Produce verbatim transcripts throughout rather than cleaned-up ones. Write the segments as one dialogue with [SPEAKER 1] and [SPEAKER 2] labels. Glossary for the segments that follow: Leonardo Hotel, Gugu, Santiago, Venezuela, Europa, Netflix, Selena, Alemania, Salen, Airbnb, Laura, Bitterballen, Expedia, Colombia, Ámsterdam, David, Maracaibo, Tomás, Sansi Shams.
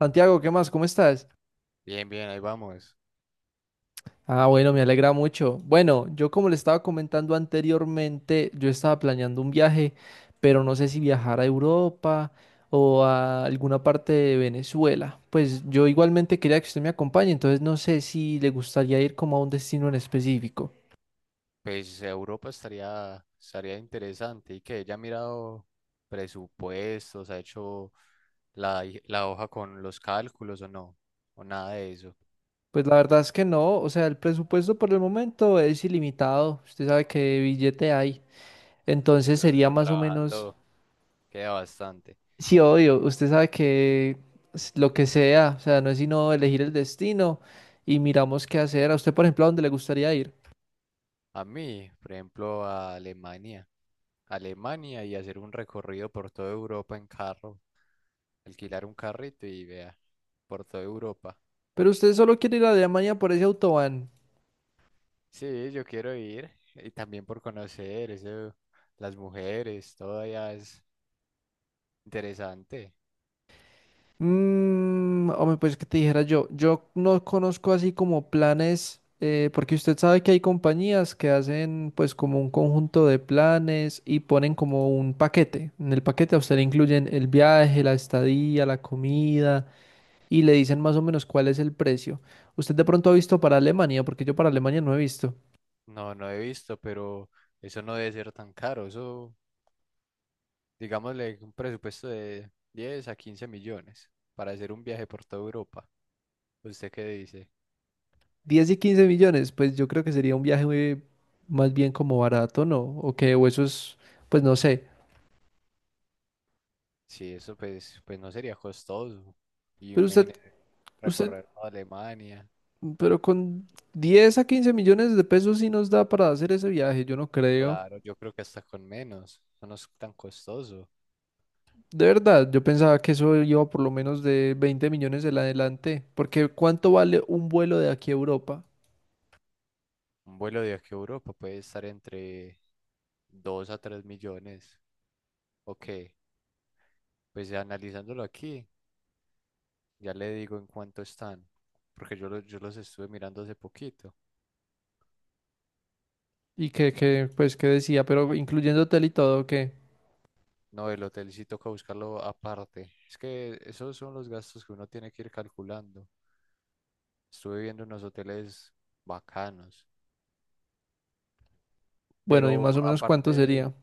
[SPEAKER 1] Santiago, ¿qué más? ¿Cómo estás?
[SPEAKER 2] Bien, bien, ahí vamos.
[SPEAKER 1] Ah, bueno, me alegra mucho. Bueno, yo como le estaba comentando anteriormente, yo estaba planeando un viaje, pero no sé si viajar a Europa o a alguna parte de Venezuela. Pues yo igualmente quería que usted me acompañe, entonces no sé si le gustaría ir como a un destino en específico.
[SPEAKER 2] Pues Europa estaría, estaría interesante. ¿Y que ella ha mirado presupuestos, ha hecho la, hi- la hoja con los cálculos o no, o nada de eso?
[SPEAKER 1] Pues la verdad es que no, o sea, el presupuesto por el momento es ilimitado, usted sabe qué billete hay.
[SPEAKER 2] Sí,
[SPEAKER 1] Entonces
[SPEAKER 2] eso,
[SPEAKER 1] sería
[SPEAKER 2] eso
[SPEAKER 1] más o menos...
[SPEAKER 2] trabajando queda bastante.
[SPEAKER 1] Sí, obvio, usted sabe que s- lo que sea, o sea, no es sino elegir el destino y miramos qué hacer. A usted, por ejemplo, ¿a dónde le gustaría ir?
[SPEAKER 2] A mí, por ejemplo, a Alemania. Alemania, y hacer un recorrido por toda Europa en carro, alquilar un carrito y vea, por toda Europa.
[SPEAKER 1] Pero usted solo quiere ir a Alemania por ese autobahn.
[SPEAKER 2] Sí, yo quiero ir y también por conocer eso, las mujeres, todo allá es interesante.
[SPEAKER 1] Mmm, hombre, pues que te dijera yo, yo no conozco así como planes, eh, porque usted sabe que hay compañías que hacen pues como un conjunto de planes y ponen como un paquete. En el paquete a usted le incluyen el viaje, la estadía, la comida y le dicen más o menos cuál es el precio. Usted de pronto ha visto para Alemania, porque yo para Alemania no he visto.
[SPEAKER 2] No, no he visto, pero eso no debe ser tan caro. Eso, digámosle, un presupuesto de diez a quince millones para hacer un viaje por toda Europa. ¿Usted qué dice?
[SPEAKER 1] Diez y quince millones, pues yo creo que sería un viaje muy- más bien como barato, ¿no? O que, o eso es, pues no sé.
[SPEAKER 2] Sí, eso pues, pues no sería costoso. Y
[SPEAKER 1] Pero usted,
[SPEAKER 2] imagínese
[SPEAKER 1] usted,
[SPEAKER 2] recorrer toda Alemania.
[SPEAKER 1] pero con diez a quince millones de pesos sí nos da para hacer ese viaje, yo no creo.
[SPEAKER 2] Claro, yo creo que hasta con menos. Eso no es tan costoso.
[SPEAKER 1] De verdad, yo pensaba que eso iba por lo menos de veinte millones en adelante, porque ¿cuánto vale un vuelo de aquí a Europa?
[SPEAKER 2] Un vuelo de aquí a Europa puede estar entre dos a tres millones. Ok, pues ya analizándolo aquí, ya le digo en cuánto están, porque yo, lo- yo los estuve mirando hace poquito.
[SPEAKER 1] Y que, que, pues, que decía, pero incluyendo hotel y todo, que...
[SPEAKER 2] No, el hotel sí toca buscarlo aparte. Es que esos son los gastos que uno tiene que ir calculando. Estuve viendo unos hoteles bacanos,
[SPEAKER 1] Bueno, ¿y
[SPEAKER 2] pero
[SPEAKER 1] más o menos cuánto
[SPEAKER 2] aparte,
[SPEAKER 1] sería?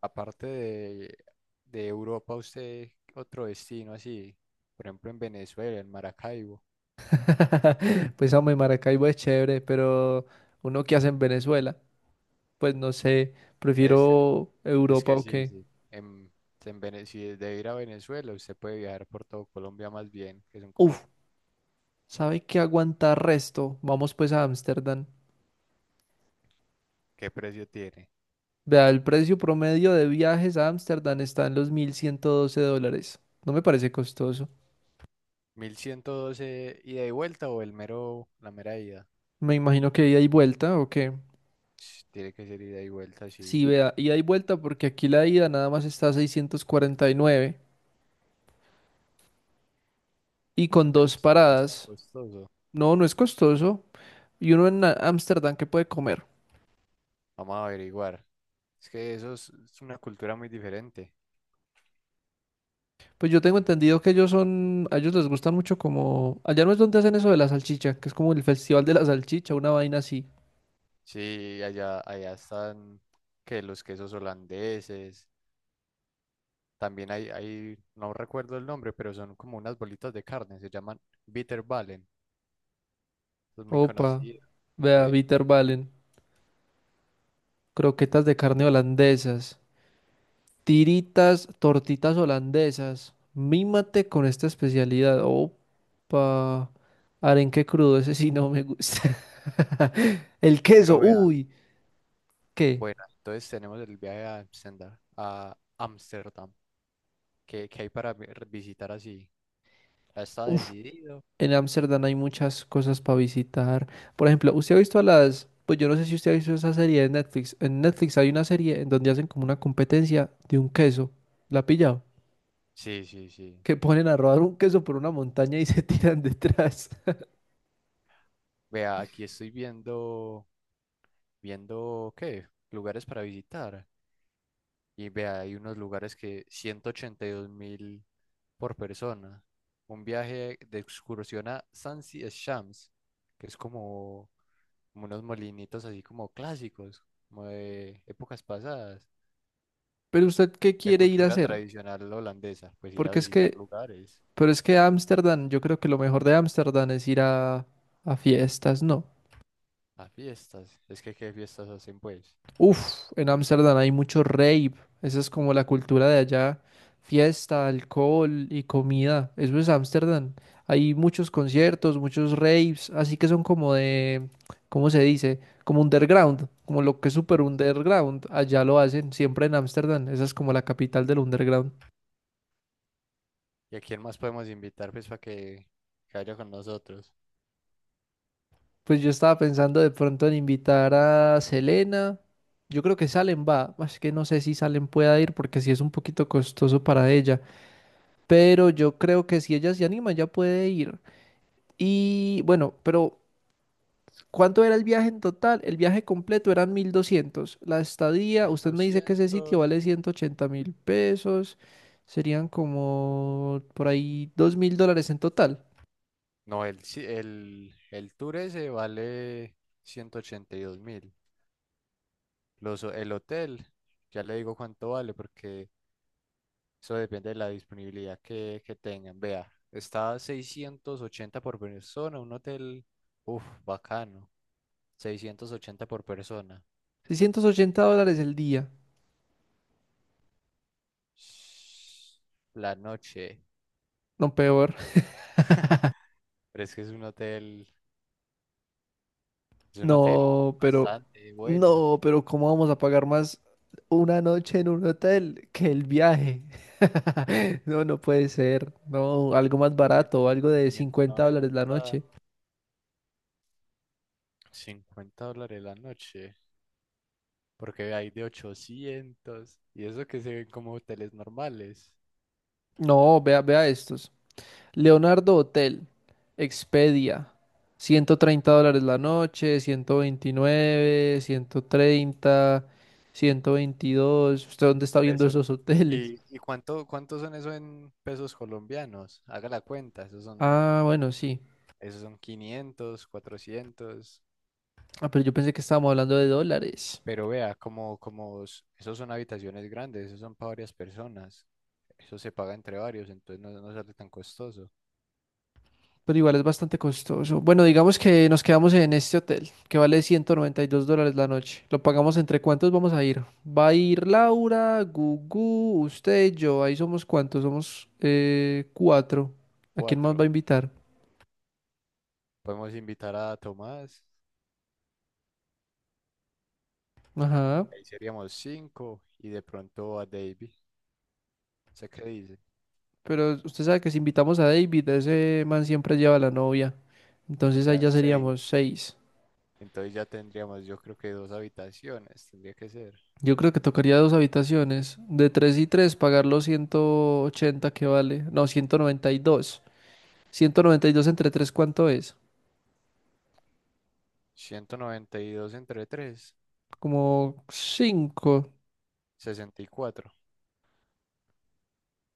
[SPEAKER 2] aparte de, de Europa, usted otro destino así, por ejemplo en Venezuela, en Maracaibo.
[SPEAKER 1] Pues hombre, Maracaibo es chévere, pero uno que hace en Venezuela, pues no sé,
[SPEAKER 2] Es
[SPEAKER 1] prefiero
[SPEAKER 2] Es
[SPEAKER 1] Europa
[SPEAKER 2] que
[SPEAKER 1] o
[SPEAKER 2] sí,
[SPEAKER 1] qué.
[SPEAKER 2] sí. En, en Vene- si de ir a Venezuela, usted puede viajar por todo Colombia más bien, que son como,
[SPEAKER 1] Uf, ¿sabe qué aguanta resto? Vamos pues a Ámsterdam.
[SPEAKER 2] ¿qué precio tiene?
[SPEAKER 1] Vea, el precio promedio de viajes a Ámsterdam está en los mil ciento doce dólares. No me parece costoso.
[SPEAKER 2] ¿Mil ciento doce ida y vuelta o el mero, la mera ida?
[SPEAKER 1] Me imagino que ida y vuelta o qué.
[SPEAKER 2] Sh, tiene que ser ida y vuelta,
[SPEAKER 1] Sí,
[SPEAKER 2] sí.
[SPEAKER 1] vea, ida y vuelta, porque aquí la ida nada más está a seiscientos cuarenta y nueve y con
[SPEAKER 2] Bueno,
[SPEAKER 1] dos
[SPEAKER 2] es- no es tan
[SPEAKER 1] paradas.
[SPEAKER 2] costoso.
[SPEAKER 1] No, no es costoso. Y uno en a- Ámsterdam que puede comer?
[SPEAKER 2] Vamos a averiguar. Es que eso es, es una cultura muy diferente.
[SPEAKER 1] Pues yo tengo entendido que ellos son, a ellos les gusta mucho como, allá no es donde hacen eso de la salchicha, que es como el festival de la salchicha, una vaina así.
[SPEAKER 2] Sí, allá, allá están que los quesos holandeses. También hay, hay, no recuerdo el nombre, pero son como unas bolitas de carne, se llaman Bitterballen. Es muy
[SPEAKER 1] Opa,
[SPEAKER 2] conocido.
[SPEAKER 1] vea,
[SPEAKER 2] Sí.
[SPEAKER 1] valen, croquetas de carne holandesas, tiritas, tortitas holandesas. Mímate con esta especialidad. Opa, arenque crudo, ese sí no me gusta. El queso,
[SPEAKER 2] Pero vea,
[SPEAKER 1] uy, ¿qué?
[SPEAKER 2] bueno, entonces tenemos el viaje a Amsterdam, a Ámsterdam. ¿Qué, qué hay para vi- visitar así? ¿Ya está
[SPEAKER 1] Uf,
[SPEAKER 2] decidido?
[SPEAKER 1] en Ámsterdam hay muchas cosas para visitar. Por ejemplo, usted ha visto a las, pues yo no sé si usted ha visto esa serie de Netflix. En Netflix hay una serie en donde hacen como una competencia de un queso. ¿La ha pillado?
[SPEAKER 2] Sí, sí, sí.
[SPEAKER 1] Que ponen a rodar un queso por una montaña y se tiran detrás.
[SPEAKER 2] Vea, aquí estoy viendo, viendo, ¿qué? Lugares para visitar. Y vea, hay unos lugares que ciento ochenta y dos mil por persona. Un viaje de excursión a Sansi Shams, que es como, como unos molinitos así como clásicos, como de épocas pasadas.
[SPEAKER 1] Pero usted, ¿qué
[SPEAKER 2] De
[SPEAKER 1] quiere ir a
[SPEAKER 2] cultura
[SPEAKER 1] hacer?
[SPEAKER 2] tradicional holandesa, pues ir a
[SPEAKER 1] Porque es
[SPEAKER 2] visitar
[SPEAKER 1] que,
[SPEAKER 2] lugares,
[SPEAKER 1] pero es que Ámsterdam, yo creo que lo mejor de Ámsterdam es ir a, a fiestas, ¿no?
[SPEAKER 2] a fiestas. Es que qué fiestas hacen pues.
[SPEAKER 1] Uf, en Ámsterdam hay mucho rave. Esa es como la cultura de allá. Fiesta, alcohol y comida. Eso es Ámsterdam. Hay muchos conciertos, muchos raves, así que son como de, ¿cómo se dice? Como underground, como lo que es super
[SPEAKER 2] Sí, sí.
[SPEAKER 1] underground. Allá lo hacen, siempre en Ámsterdam. Esa es como la capital del underground.
[SPEAKER 2] ¿Y a quién más podemos invitar pues para que, que vaya con nosotros?
[SPEAKER 1] Pues yo estaba pensando de pronto en invitar a Selena. Yo creo que Salen va. Es que no sé si Salen pueda ir porque sí es un poquito costoso para ella. Pero yo creo que si ella se anima, ya puede ir. Y bueno, pero ¿cuánto era el viaje en total? El viaje completo eran mil doscientos. La estadía,
[SPEAKER 2] Mil
[SPEAKER 1] usted me dice que ese sitio
[SPEAKER 2] doscientos.
[SPEAKER 1] vale ciento ochenta mil pesos. Serían como por ahí dos mil dólares en total.
[SPEAKER 2] No, el, si, el, el tour ese vale ciento ochenta y dos mil. Los, ho- el hotel, ya le digo cuánto vale, porque eso depende de la disponibilidad que, que tengan. Vea, está a seiscientos ochenta por persona, un hotel, uff, bacano. seiscientos ochenta por persona.
[SPEAKER 1] Seiscientos ochenta dólares el día.
[SPEAKER 2] Sh, la noche.
[SPEAKER 1] No, peor.
[SPEAKER 2] Pero es que es un hotel, es un hotel
[SPEAKER 1] No, pero,
[SPEAKER 2] bastante bueno.
[SPEAKER 1] no, pero ¿cómo vamos a pagar más una noche en un hotel que el viaje? No, no puede ser. No, algo más barato, algo de
[SPEAKER 2] 500
[SPEAKER 1] cincuenta dólares la
[SPEAKER 2] 590,
[SPEAKER 1] noche.
[SPEAKER 2] cincuenta dólares la noche. Porque hay de ochocientos. Y eso que se ven como hoteles normales.
[SPEAKER 1] No, vea, vea estos. Leonardo Hotel, Expedia, ciento treinta dólares la noche, ciento veintinueve, ciento treinta, ciento veintidós. ¿Usted dónde está
[SPEAKER 2] Por
[SPEAKER 1] viendo
[SPEAKER 2] eso.
[SPEAKER 1] esos hoteles?
[SPEAKER 2] ¿Y, y cuánto, cuántos son eso en pesos colombianos? Haga la cuenta, esos son,
[SPEAKER 1] Ah, bueno, sí.
[SPEAKER 2] esos son quinientos, cuatrocientos.
[SPEAKER 1] Ah, pero yo pensé que estábamos hablando de dólares.
[SPEAKER 2] Pero vea, como, como s- esos son habitaciones grandes, esos son para varias personas. Eso se paga entre varios, entonces no, no sale tan costoso.
[SPEAKER 1] Pero igual es bastante costoso. Bueno, digamos que nos quedamos en este hotel, que vale ciento noventa y dos dólares la noche. Lo pagamos entre cuántos vamos a ir. Va a ir Laura, Gugu, usted, y yo. Ahí somos cuántos, somos eh, cuatro. ¿A quién más va
[SPEAKER 2] Cuatro.
[SPEAKER 1] a invitar?
[SPEAKER 2] Podemos invitar a Tomás,
[SPEAKER 1] Ajá.
[SPEAKER 2] ahí seríamos cinco, y de pronto a David. ¿Sé qué dice?
[SPEAKER 1] Pero usted sabe que si invitamos a David, ese man siempre lleva a la novia.
[SPEAKER 2] O
[SPEAKER 1] Entonces ahí
[SPEAKER 2] sea,
[SPEAKER 1] ya seríamos
[SPEAKER 2] seis.
[SPEAKER 1] seis.
[SPEAKER 2] Entonces ya tendríamos, yo creo que dos habitaciones, tendría que ser.
[SPEAKER 1] Yo creo que tocaría dos habitaciones. De tres y tres, pagar los ciento ochenta que vale. No, ciento noventa y dos. ciento noventa y dos entre tres ¿cuánto es?
[SPEAKER 2] Ciento noventa y dos entre tres,
[SPEAKER 1] Como cinco,
[SPEAKER 2] sesenta y cuatro,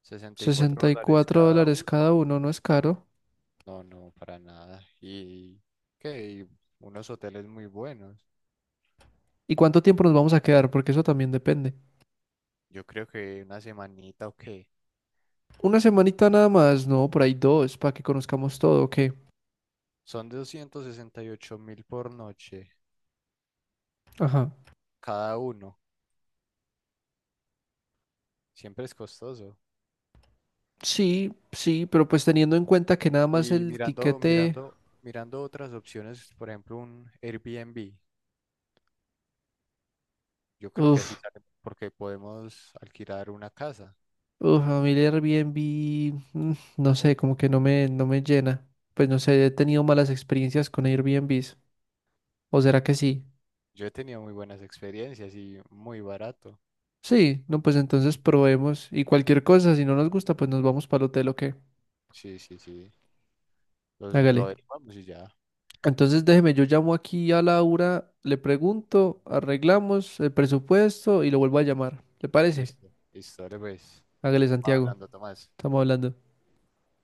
[SPEAKER 2] sesenta y cuatro
[SPEAKER 1] 64
[SPEAKER 2] dólares cada
[SPEAKER 1] dólares cada
[SPEAKER 2] uno.
[SPEAKER 1] uno, no es caro.
[SPEAKER 2] No, no, para nada. Y que y unos hoteles muy buenos.
[SPEAKER 1] ¿Y cuánto tiempo nos vamos a quedar? Porque eso también depende.
[SPEAKER 2] Yo creo que una semanita o qué.
[SPEAKER 1] Una semanita nada más, no, por ahí dos, para que conozcamos todo, ¿ok?
[SPEAKER 2] Son doscientos sesenta y ocho mil por noche
[SPEAKER 1] Ajá.
[SPEAKER 2] cada uno. Siempre es costoso.
[SPEAKER 1] Sí, sí, pero pues teniendo en cuenta que nada más
[SPEAKER 2] Y
[SPEAKER 1] el
[SPEAKER 2] mirando,
[SPEAKER 1] tiquete,
[SPEAKER 2] mirando, mirando otras opciones, por ejemplo, un Airbnb. Yo creo que así
[SPEAKER 1] uff,
[SPEAKER 2] sale porque podemos alquilar una casa.
[SPEAKER 1] uff, a mí el Airbnb, mm, no sé, como que no me, no me llena. Pues no sé, he tenido malas experiencias con Airbnbs. ¿O será que sí?
[SPEAKER 2] Yo he tenido muy buenas experiencias y muy barato.
[SPEAKER 1] Sí, no, pues entonces probemos y cualquier cosa, si no nos gusta, pues nos vamos para el hotel o qué.
[SPEAKER 2] Sí, sí, sí. Los, lo
[SPEAKER 1] Hágale.
[SPEAKER 2] averiguamos y ya.
[SPEAKER 1] Entonces déjeme, yo llamo aquí a Laura, le pregunto, arreglamos el presupuesto y lo vuelvo a llamar. ¿Le parece?
[SPEAKER 2] Listo. Listo, dale, pues.
[SPEAKER 1] Hágale, Santiago.
[SPEAKER 2] Hablando, Tomás.
[SPEAKER 1] Estamos hablando.